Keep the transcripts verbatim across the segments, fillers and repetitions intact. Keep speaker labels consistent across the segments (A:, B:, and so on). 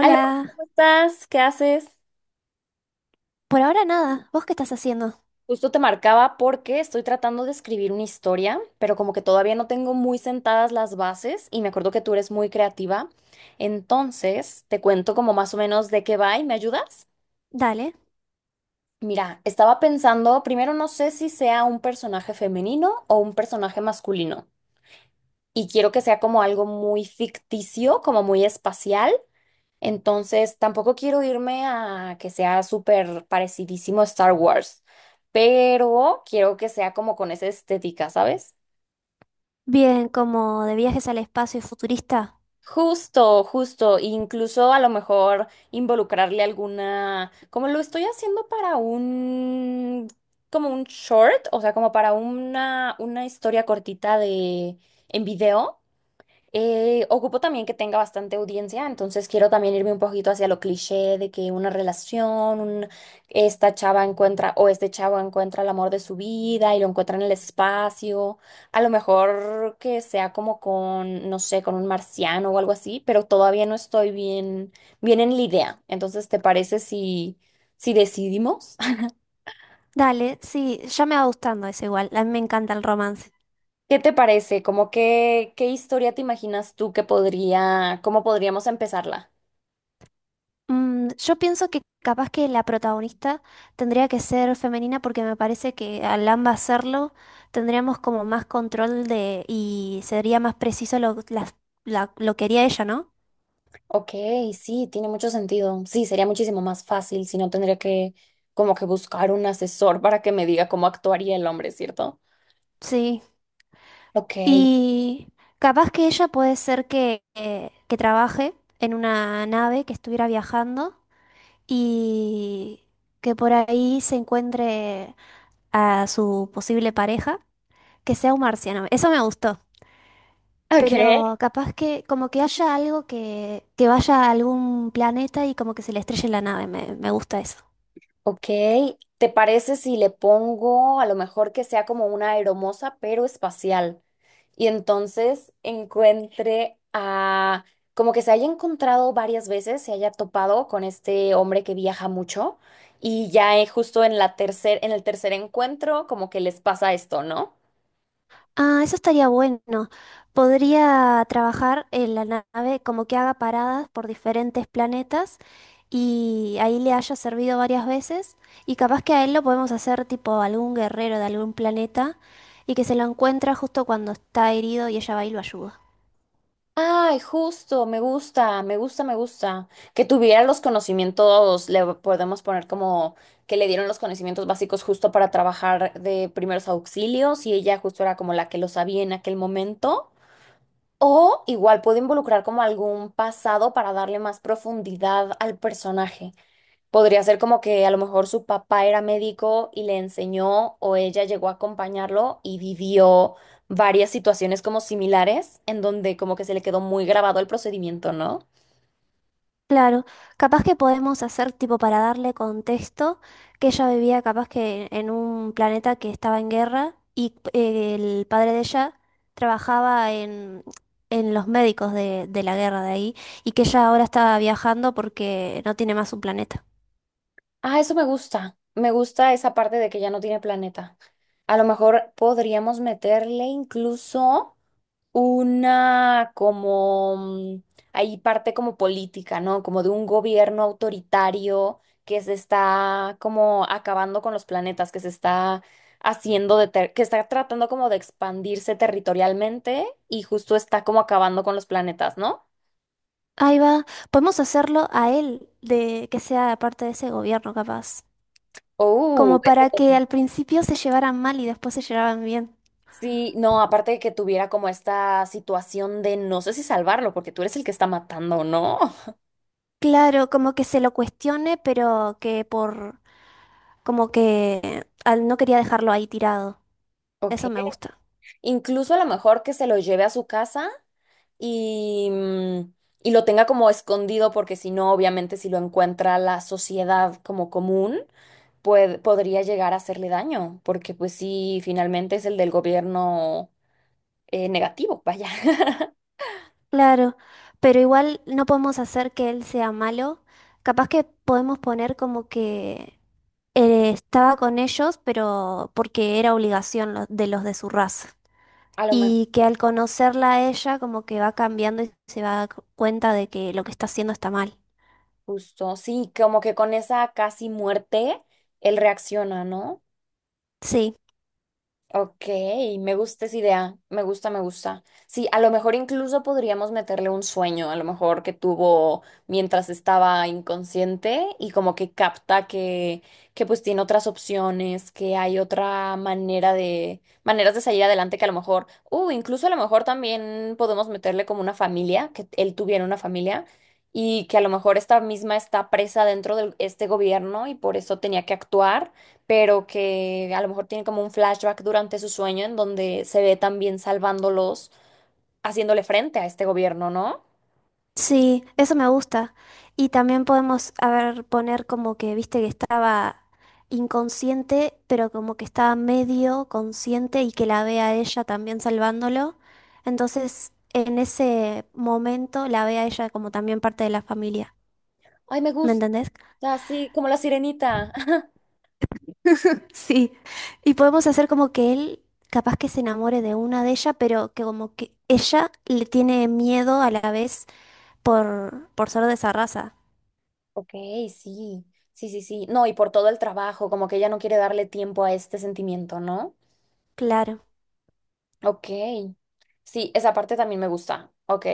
A: Aló, ¿cómo estás? ¿Qué haces?
B: por ahora nada. ¿Vos qué estás haciendo?
A: Justo te marcaba porque estoy tratando de escribir una historia, pero como que todavía no tengo muy sentadas las bases y me acuerdo que tú eres muy creativa. Entonces, te cuento como más o menos de qué va y me ayudas.
B: Dale.
A: Mira, estaba pensando, primero no sé si sea un personaje femenino o un personaje masculino y quiero que sea como algo muy ficticio, como muy espacial. Entonces, tampoco quiero irme a que sea súper parecidísimo a Star Wars, pero quiero que sea como con esa estética, ¿sabes?
B: Bien, como de viajes al espacio y futurista.
A: Justo, justo, incluso a lo mejor involucrarle alguna, como lo estoy haciendo para un, como un short, o sea, como para una, una historia cortita de, en video. Eh, ocupo también que tenga bastante audiencia, entonces quiero también irme un poquito hacia lo cliché de que una relación, un- esta chava encuentra o este chavo encuentra el amor de su vida y lo encuentra en el espacio. A lo mejor que sea como con, no sé, con un marciano o algo así, pero todavía no estoy bien, bien en la idea. Entonces, ¿te parece si, si decidimos?
B: Dale, sí, ya me va gustando eso igual. A mí me encanta el romance.
A: ¿Qué te parece? Como que, ¿qué historia te imaginas tú que podría, cómo podríamos empezarla?
B: Mm, yo pienso que capaz que la protagonista tendría que ser femenina porque me parece que al ambas serlo tendríamos como más control de y sería más preciso lo, las- la- lo que haría ella, ¿no?
A: Ok, sí, tiene mucho sentido. Sí, sería muchísimo más fácil si no tendría que como que buscar un asesor para que me diga cómo actuaría el hombre, ¿cierto?
B: Sí,
A: Ok,
B: y capaz que ella puede ser que, eh, que trabaje en una nave que estuviera viajando y que por ahí se encuentre a su posible pareja, que sea un marciano. Eso me gustó.
A: ok,
B: Pero capaz que como que haya algo que, que vaya a algún planeta y como que se le estrelle la nave. Me, me gusta eso.
A: ok. ¿Te parece si le pongo a lo mejor que sea como una aeromoza pero espacial? Y entonces encuentre a como que se haya encontrado varias veces, se haya topado con este hombre que viaja mucho y ya eh, justo en la tercer, en el tercer encuentro como que les pasa esto, ¿no?
B: Ah, eso estaría bueno. Podría trabajar en la nave como que haga paradas por diferentes planetas y ahí le haya servido varias veces y capaz que a él lo podemos hacer tipo algún guerrero de algún planeta y que se lo encuentra justo cuando está herido y ella va y lo ayuda.
A: Ay, justo, me gusta, me gusta, me gusta. Que tuviera los conocimientos, le podemos poner como que le dieron los conocimientos básicos justo para trabajar de primeros auxilios y ella justo era como la que lo sabía en aquel momento. O igual puedo involucrar como algún pasado para darle más profundidad al personaje. Podría ser como que a lo mejor su papá era médico y le enseñó o ella llegó a acompañarlo y vivió varias situaciones como similares en donde como que se le quedó muy grabado el procedimiento, ¿no?
B: Claro, capaz que podemos hacer tipo para darle contexto que ella vivía capaz que en un planeta que estaba en guerra y eh, el padre de ella trabajaba en, en los médicos de, de la guerra de ahí y que ella ahora estaba viajando porque no tiene más un planeta.
A: Ah, eso me gusta. Me gusta esa parte de que ya no tiene planeta. A lo mejor podríamos meterle incluso una como, mm, ahí parte como política, ¿no? Como de un gobierno autoritario que se está como acabando con los planetas, que se está haciendo de, ter- que está tratando como de expandirse territorialmente y justo está como acabando con los planetas, ¿no?
B: Ahí va, podemos hacerlo a él de que sea parte de ese gobierno capaz,
A: Oh,
B: como para
A: eso.
B: que al principio se llevaran mal y después se llevaran bien.
A: Sí, no, aparte de que tuviera como esta situación de no sé si salvarlo, porque tú eres el que está matando, ¿no?
B: Claro, como que se lo cuestione, pero que por. Como que al- no quería dejarlo ahí tirado.
A: Ok.
B: Eso me gusta.
A: Incluso a lo mejor que se lo lleve a su casa y, mm, y lo tenga como escondido, porque si no, obviamente, si lo encuentra la sociedad como común, puede- podría llegar a hacerle daño, porque pues sí, finalmente es el del gobierno eh, negativo, vaya.
B: Claro, pero igual no podemos hacer que él sea malo. Capaz que podemos poner como que eh, estaba con ellos, pero porque era obligación lo- de los de su raza.
A: A lo mejor,
B: Y que al conocerla a ella, como que va cambiando y se va a dar cuenta de que lo que está haciendo está mal.
A: justo, sí, como que con esa casi muerte, él reacciona, ¿no?
B: Sí.
A: Ok, me gusta esa idea, me gusta, me gusta. Sí, a lo mejor incluso podríamos meterle un sueño, a lo mejor que tuvo mientras estaba inconsciente y como que capta que, que pues tiene otras opciones, que hay otra manera de, maneras de salir adelante que a lo mejor, uh, incluso a lo mejor también podemos meterle como una familia, que él tuviera una familia y que a lo mejor esta misma está presa dentro de este gobierno y por eso tenía que actuar pero que a lo mejor tiene como un flashback durante su sueño en donde se ve también salvándolos, haciéndole frente a este gobierno, ¿no?
B: Sí, eso me gusta. Y también podemos, a ver, poner como que, viste, que estaba inconsciente, pero como que estaba medio consciente y que la vea a ella también salvándolo. Entonces, en ese momento la vea ella como también parte de la familia.
A: Ay, me
B: ¿Me
A: gusta,
B: entendés?
A: así como la sirenita.
B: Sí. Y podemos hacer como que él capaz que se enamore de una de ella, pero que como que ella le tiene miedo a la vez por, por ser de esa raza.
A: Ok, sí, sí, sí, sí. No, y por todo el trabajo, como que ella no quiere darle tiempo a este sentimiento, ¿no?
B: Claro.
A: Ok. Sí, esa parte también me gusta. Ok.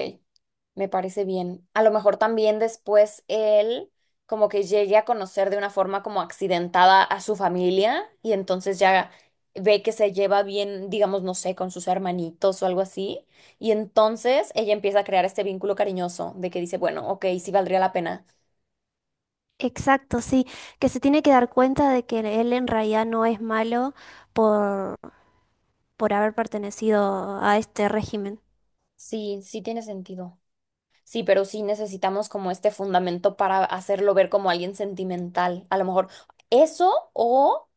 A: Me parece bien. A lo mejor también después él como que llegue a conocer de una forma como accidentada a su familia y entonces ya ve que se lleva bien, digamos, no sé, con sus hermanitos o algo así. Y entonces ella empieza a crear este vínculo cariñoso de que dice, bueno, ok, sí valdría la pena.
B: Exacto, sí, que se tiene que dar cuenta de que él en realidad no es malo por, por haber pertenecido a este régimen.
A: Sí, sí tiene sentido. Sí, pero sí necesitamos como este fundamento para hacerlo ver como alguien sentimental. A lo mejor eso o...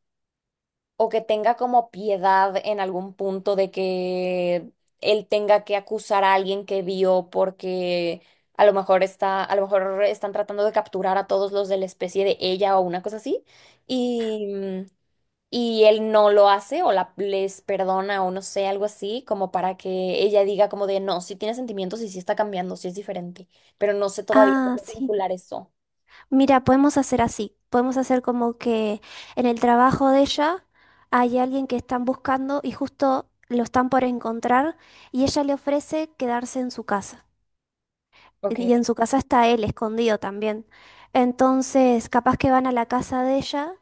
A: o que tenga como piedad en algún punto de que él tenga que acusar a alguien que vio porque a lo mejor está, a lo mejor están tratando de capturar a todos los de la especie de ella o una cosa así, y, mm, y él no lo hace o la, les perdona o no sé, algo así, como para que ella diga como de no, si tiene sentimientos y si está cambiando, si es diferente, pero no sé todavía
B: Ah,
A: cómo
B: sí.
A: vincular eso.
B: Mira, podemos hacer así. Podemos hacer como que en el trabajo de ella hay alguien que están buscando y justo lo están por encontrar y ella le ofrece quedarse en su casa.
A: Ok.
B: Y en su casa está él escondido también. Entonces, capaz que van a la casa de ella,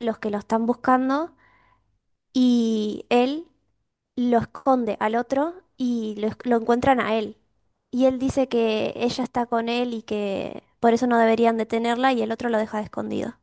B: los que lo están buscando y él lo, esconde al otro y lo, esc- lo encuentran a él. Y él dice que ella está con él y que por eso no deberían detenerla y el otro lo deja de escondido.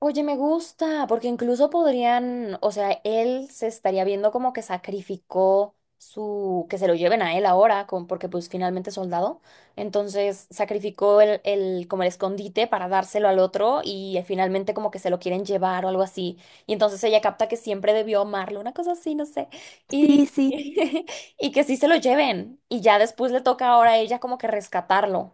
A: Oye, me gusta, porque incluso podrían, o sea, él se estaría viendo como que sacrificó su, que se lo lleven a él ahora, con, porque pues finalmente es soldado, entonces sacrificó el, el, como el escondite para dárselo al otro y eh, finalmente como que se lo quieren llevar o algo así, y entonces ella capta que siempre debió amarlo, una cosa así, no sé, y,
B: Sí, sí,
A: y que sí se lo lleven, y ya después le toca ahora a ella como que rescatarlo.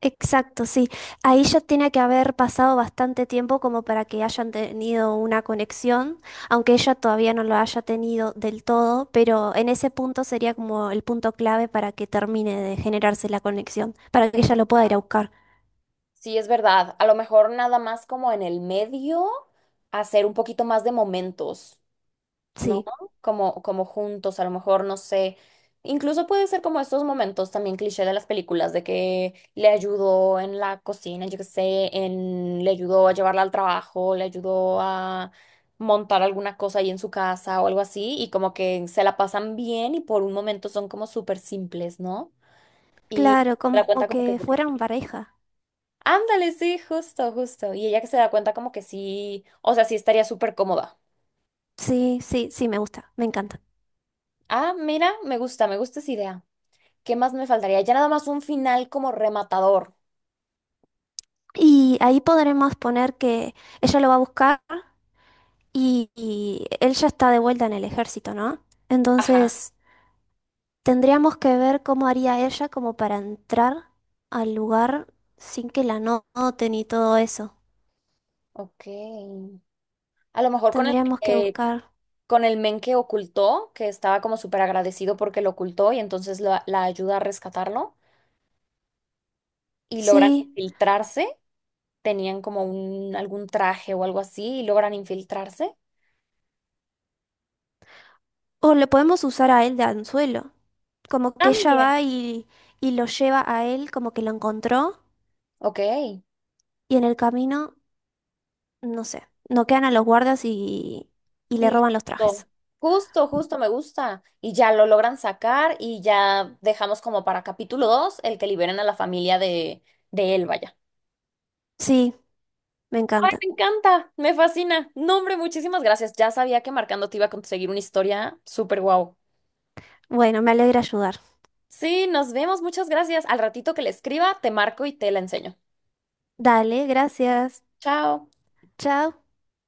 B: exacto, sí. Ahí ya tiene que haber pasado bastante tiempo como para que hayan tenido una conexión, aunque ella todavía no lo haya tenido del todo, pero en ese punto sería como el punto clave para que termine de generarse la conexión, para que ella lo pueda ir a buscar.
A: Sí, es verdad. A lo mejor nada más como en el medio, hacer un poquito más de momentos, ¿no?
B: Sí.
A: Como, como juntos, a lo mejor, no sé. Incluso puede ser como estos momentos también cliché de las películas, de que le ayudó en la cocina, yo qué sé, en, le ayudó a llevarla al trabajo, le ayudó a montar alguna cosa ahí en su casa o algo así, y como que se la pasan bien y por un momento son como súper simples, ¿no? Y
B: Claro,
A: se la cuenta
B: como
A: como que...
B: que fueran pareja.
A: Ándale, sí, justo, justo. Y ella que se da cuenta como que sí, o sea, sí estaría súper cómoda.
B: Sí, sí, sí, me gusta, me encanta.
A: Ah, mira, me gusta, me gusta esa idea. ¿Qué más me faltaría? Ya nada más un final como rematador.
B: Y ahí podremos poner que ella lo va a buscar y, y él ya está de vuelta en el ejército, ¿no?
A: Ajá.
B: Entonces, tendríamos que ver cómo haría ella como para entrar al lugar sin que la no- noten y todo eso.
A: Ok. A lo mejor con el
B: Tendríamos que
A: que,
B: buscar,
A: con el men que ocultó, que estaba como súper agradecido porque lo ocultó y entonces la, la ayuda a rescatarlo y logran
B: sí,
A: infiltrarse. Tenían como un, algún traje o algo así y logran infiltrarse.
B: o le podemos usar a él de anzuelo, como que ella
A: También.
B: va y, y lo lleva a él como que lo encontró
A: Ok.
B: y en el camino... No sé, no quedan a los guardias y, y le roban los trajes.
A: Listo, justo, justo, me gusta. Y ya lo logran sacar y ya dejamos como para capítulo dos el que liberen a la familia de, de él, vaya.
B: Sí, me
A: Ay,
B: encanta.
A: me encanta, me fascina. No, hombre, muchísimas gracias. Ya sabía que marcando te iba a conseguir una historia súper guau.
B: Bueno, me alegra ayudar.
A: Sí, nos vemos, muchas gracias. Al ratito que le escriba, te marco y te la enseño.
B: Dale, gracias.
A: Chao.
B: Chao.